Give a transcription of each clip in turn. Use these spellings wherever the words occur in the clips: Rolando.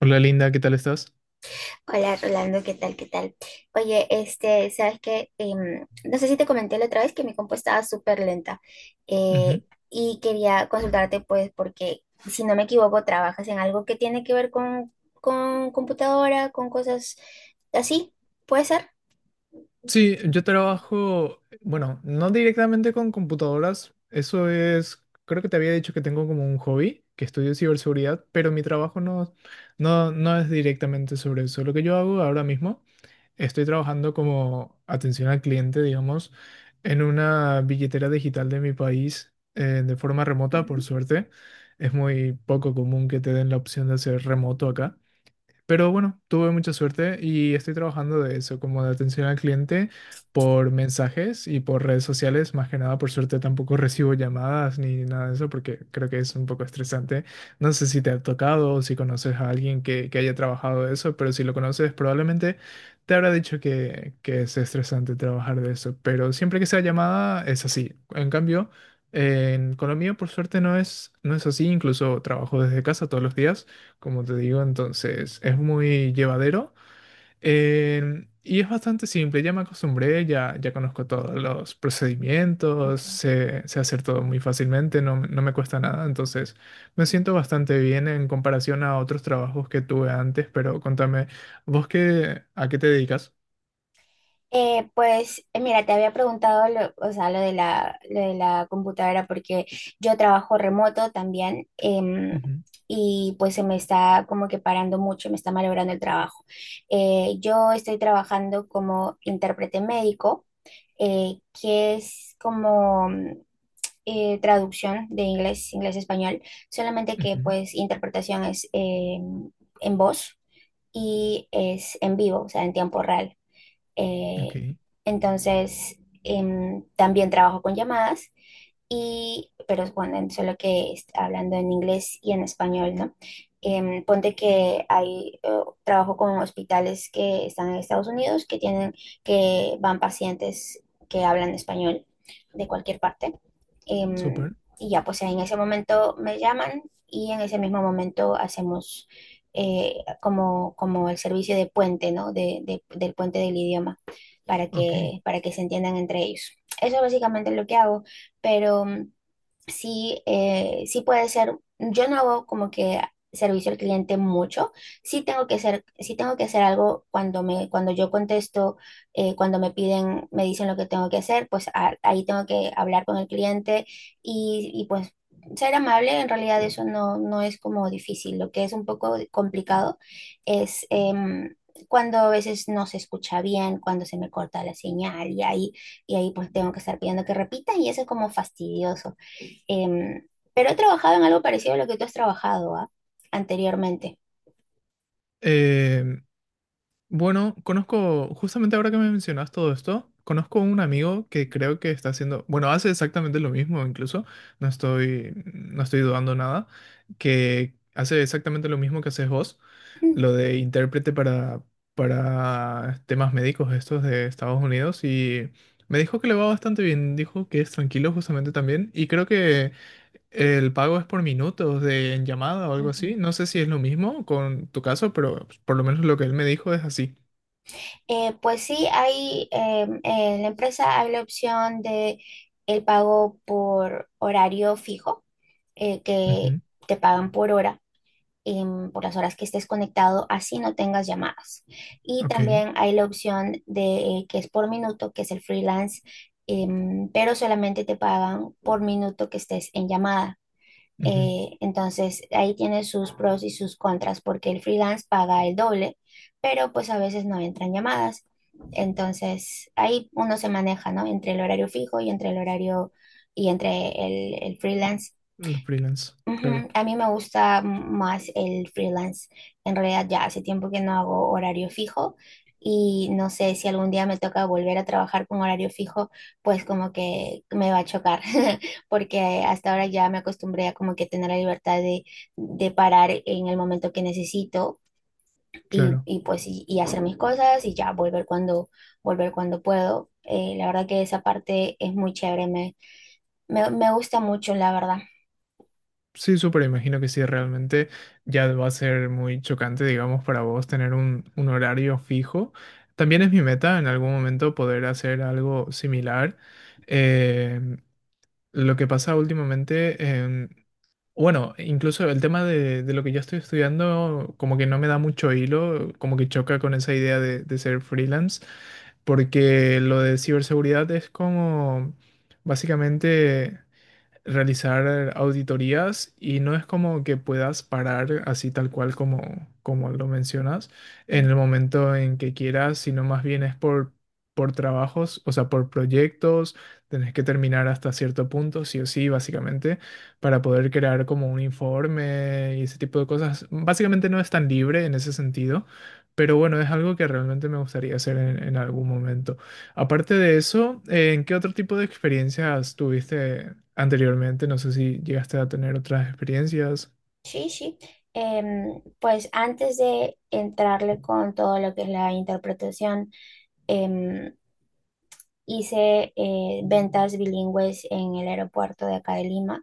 Hola Linda, ¿qué tal estás? Hola Rolando, ¿qué tal? ¿Qué tal? Oye, este, sabes que no sé si te comenté la otra vez que mi compu estaba súper lenta, eh, Ujú. y quería consultarte, pues, porque si no me equivoco, trabajas en algo que tiene que ver con computadora, con cosas así, ¿puede ser? Sí, yo trabajo, bueno, no directamente con computadoras, eso es, creo que te había dicho que tengo como un hobby, que estudio ciberseguridad, pero mi trabajo no es directamente sobre eso. Lo que yo hago ahora mismo, estoy trabajando como atención al cliente, digamos, en una billetera digital de mi país, de forma remota, por Ujú. suerte. Es muy poco común que te den la opción de hacer remoto acá. Pero bueno, tuve mucha suerte y estoy trabajando de eso, como de atención al cliente por mensajes y por redes sociales. Más que nada, por suerte tampoco recibo llamadas ni nada de eso porque creo que es un poco estresante. No sé si te ha tocado o si conoces a alguien que haya trabajado de eso, pero si lo conoces probablemente te habrá dicho que es estresante trabajar de eso. Pero siempre que sea llamada es así. En cambio, en Colombia, por suerte, no es así. Incluso trabajo desde casa todos los días como te digo, entonces es muy llevadero, y es bastante simple, ya me acostumbré, ya conozco todos los procedimientos, Ujú. Sé hacer todo muy fácilmente, no, no me cuesta nada, entonces me siento bastante bien en comparación a otros trabajos que tuve antes, pero contame, ¿vos qué, a qué te dedicas? Mira, te había preguntado lo, o sea, lo de la computadora porque yo trabajo remoto también, Ujú, y pues se me está como que parando mucho, me está malogrando el trabajo. Yo estoy trabajando como intérprete médico, que es como traducción de inglés, inglés-español, solamente que ujú, pues interpretación es en voz y es en vivo, o sea, en tiempo real. ok, Eh, entonces, también trabajo con llamadas y, pero bueno, solo que hablando en inglés y en español, ¿no? Em, ponte que hay, trabajo con hospitales que están en Estados Unidos que tienen, que van pacientes que hablan español de cualquier parte. Em, súper, y ya, pues en ese momento me llaman y en ese mismo momento hacemos eh, como, como el servicio de puente, ¿no? De, del puente del idioma, ok. Para que se entiendan entre ellos. Eso es básicamente lo que hago, pero... sí, sí puede ser. Yo no hago como que servicio al cliente mucho. Sí tengo que hacer, sí tengo que hacer algo cuando me, cuando yo contesto, cuando me piden, me dicen lo que tengo que hacer, pues ahí tengo que hablar con el cliente y, pues ser amable. En realidad eso no, no es como difícil. Lo que es un poco complicado es cuando a veces no se escucha bien, cuando se me corta la señal y ahí pues tengo que estar pidiendo que repita y eso es como fastidioso. Em, pero he trabajado en algo parecido a lo que tú has trabajado, ¿ah? Anteriormente. Em, Bueno, conozco, justamente ahora que me mencionas todo esto, conozco un amigo que creo que está haciendo, bueno, hace exactamente lo mismo incluso, no estoy dudando nada, que hace exactamente lo mismo que haces vos, Mm. lo de intérprete para temas médicos estos de Estados Unidos y me dijo que le va bastante bien, dijo que es tranquilo justamente también y creo que el pago es por minutos de en llamada o algo así, Ujú. no sé si es lo mismo con tu caso, pero por lo menos lo que él me dijo es así. Pues sí, hay, en la empresa hay la opción de el pago por horario fijo, que Ujú, te pagan por hora, por las horas que estés conectado, así no tengas llamadas. Y Ok, también hay la opción de que es por minuto, que es el freelance, pero solamente te pagan por minuto que estés en llamada. ujú. Entonces, ahí tiene sus pros y sus contras porque el freelance paga el doble, pero pues a veces no entran llamadas. Entonces, ahí uno se maneja, ¿no? Entre el horario fijo y entre el horario y entre el freelance. Los freelance, claro, Ujú, a mí me gusta más el freelance. En realidad ya hace tiempo que no hago horario fijo y no sé si algún día me toca volver a trabajar con horario fijo, pues como que me va a chocar, porque hasta ahora ya me acostumbré a como que tener la libertad de parar en el momento que necesito claro. y pues y hacer mis cosas y ya volver cuando puedo. La verdad que esa parte es muy chévere, me gusta mucho, la verdad. Sí, súper, imagino que sí, realmente ya va a ser muy chocante, digamos, para vos tener un horario fijo. También es mi meta en algún momento poder hacer algo similar. Eh, lo que pasa últimamente, em, bueno, incluso el tema de lo que yo estoy estudiando como que no me da mucho hilo, como que choca con esa idea de ser freelance, porque lo de ciberseguridad es como básicamente realizar auditorías y no es como que puedas parar así tal cual como lo mencionas en el momento en que quieras, sino más bien es por trabajos, o sea, por proyectos, tenés que terminar hasta cierto punto, sí o sí, básicamente, para poder crear como un informe y ese tipo de cosas. Básicamente no es tan libre en ese sentido. Pero bueno, es algo que realmente me gustaría hacer en algún momento. Aparte de eso, ¿en qué otro tipo de experiencias tuviste anteriormente? No sé si llegaste a tener otras experiencias. Sí, sí. Pues antes de entrarle con todo lo que es la interpretación, em, hice ventas bilingües en el aeropuerto de acá de Lima.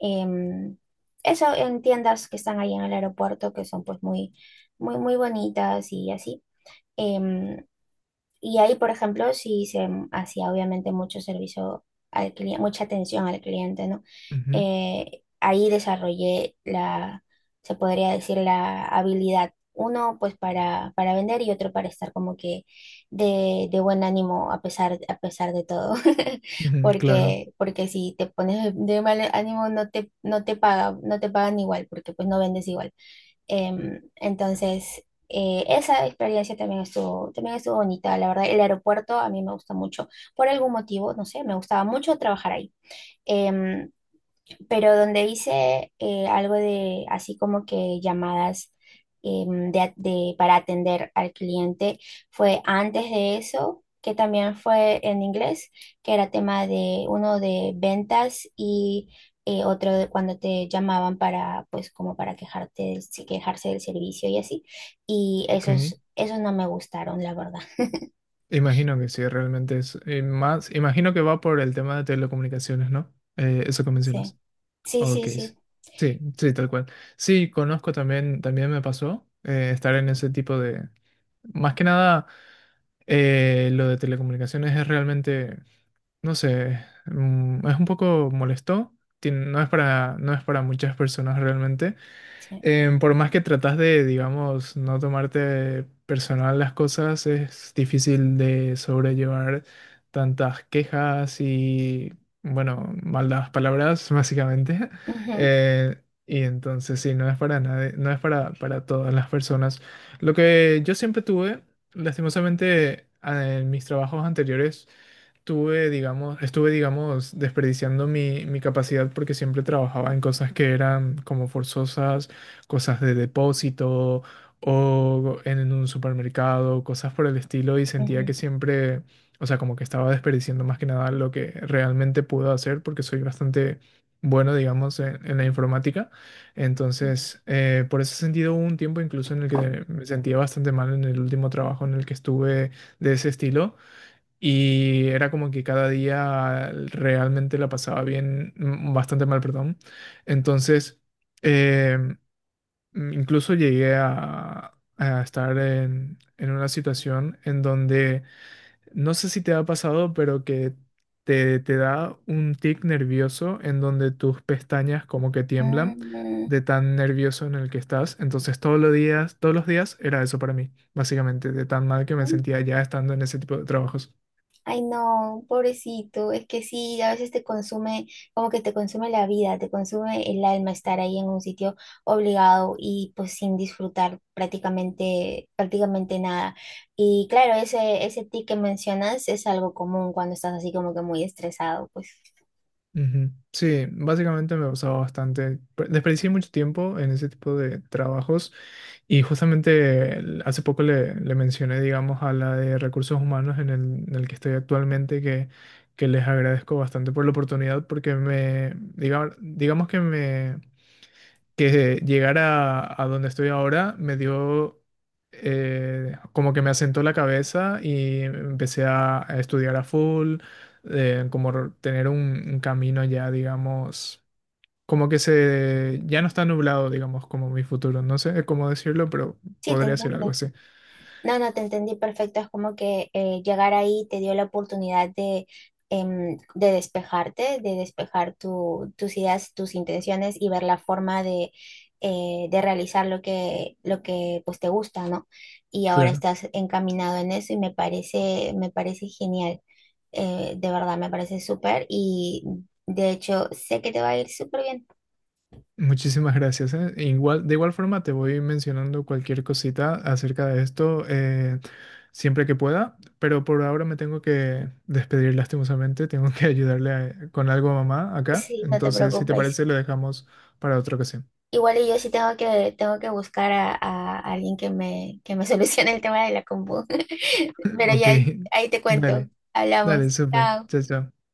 em, Eso en tiendas que están ahí en el aeropuerto, que son pues muy, muy, muy bonitas y así. Em, y ahí, por ejemplo, sí se hacía obviamente mucho servicio al cliente, mucha atención al cliente, ¿no? Ujú, Ahí desarrollé la, se podría decir, la habilidad, uno pues para vender y otro para estar como que de buen ánimo a pesar de todo, ujú, claro, porque, porque si te pones de mal ánimo no te, no te paga, no te pagan igual, porque pues no vendes igual. Entonces, esa experiencia también estuvo bonita, la verdad. El aeropuerto a mí me gusta mucho. Por algún motivo, no sé, me gustaba mucho trabajar ahí. Em, pero donde hice algo de así como que llamadas de, para atender al cliente fue antes de eso, que también fue en inglés, que era tema de uno de ventas y otro de cuando te llamaban para, pues como para quejarte sí, quejarse del servicio y así. Y ok. esos, esos no me gustaron, la verdad. Imagino que sí, realmente es más. Imagino que va por el tema de telecomunicaciones, ¿no? Eso que Sí, mencionas. sí, Ok, sí, sí. sí. Sí, sí, tal cual. Sí, conozco también, también me pasó estar en ese tipo de. Más que nada, lo de telecomunicaciones es realmente no sé, mm, es un poco molesto. No es para, no es para muchas personas realmente. Sí. Por más que tratas de, digamos, no tomarte personal las cosas, es difícil de sobrellevar tantas quejas y, bueno, malas palabras, básicamente. Ujú, Y entonces, sí, no es para nadie, no es para todas las personas. Lo que yo siempre tuve, lastimosamente, en mis trabajos anteriores, tuve, digamos, estuve, digamos, desperdiciando mi capacidad porque siempre trabajaba en cosas que eran como forzosas, cosas de depósito o en un supermercado, cosas por el estilo, y sentía ujú. que siempre, o sea, como que estaba desperdiciando más que nada lo que realmente puedo hacer porque soy bastante bueno, digamos, en la informática. Entonces, por ese sentido, hubo un tiempo incluso en el que me sentía bastante mal en el último trabajo en el que estuve de ese estilo y era como que cada día realmente la pasaba bien, mm, bastante mal, perdón. Entonces, eh, incluso llegué a estar en una situación en donde, no sé si te ha pasado, pero que te da un tic nervioso en donde tus pestañas como que tiemblan Mm. de tan nervioso en el que estás. Entonces, todos los días era eso para mí, básicamente, de tan mal que me Mm, sentía ya estando en ese tipo de trabajos. ay, no, pobrecito, es que sí, a veces te consume, como que te consume la vida, te consume el alma estar ahí en un sitio obligado y pues sin disfrutar prácticamente, prácticamente nada. Y claro, ese tic que mencionas es algo común cuando estás así como que muy estresado, pues Ujú. Sí, básicamente me pasaba bastante. Desperdicié mucho tiempo en ese tipo de trabajos y justamente hace poco le mencioné, digamos, a la de recursos humanos en en el que estoy actualmente que les agradezco bastante por la oportunidad porque me, digamos, digamos que llegar a donde estoy ahora me dio como que me asentó la cabeza y empecé a estudiar a full, tener un camino ya, digamos, como que se ya no está nublado, digamos, como mi futuro. No sé cómo decirlo, pero sí, te podría ser algo entiendo. así. No, no, te entendí perfecto. Es como que llegar ahí te dio la oportunidad de, de despejarte, de despejar tus ideas, tus intenciones y ver la forma de realizar lo que pues, te gusta, ¿no? Y ahora Claro. estás encaminado en eso y me parece genial. De verdad, me parece súper y de hecho sé que te va a ir súper bien. Muchísimas gracias. Igual, de igual forma te voy mencionando cualquier cosita acerca de esto, siempre que pueda, pero por ahora me tengo que despedir lastimosamente. Tengo que con algo a mamá acá. Sí, no te Entonces, si te preocupes. parece, lo dejamos para otra ocasión. Igual y yo sí tengo que buscar a alguien que me solucione el tema de la compu. Pero Ok, ya ahí te cuento. dale, Hablamos. dale, súper. Chao. Chao, chao.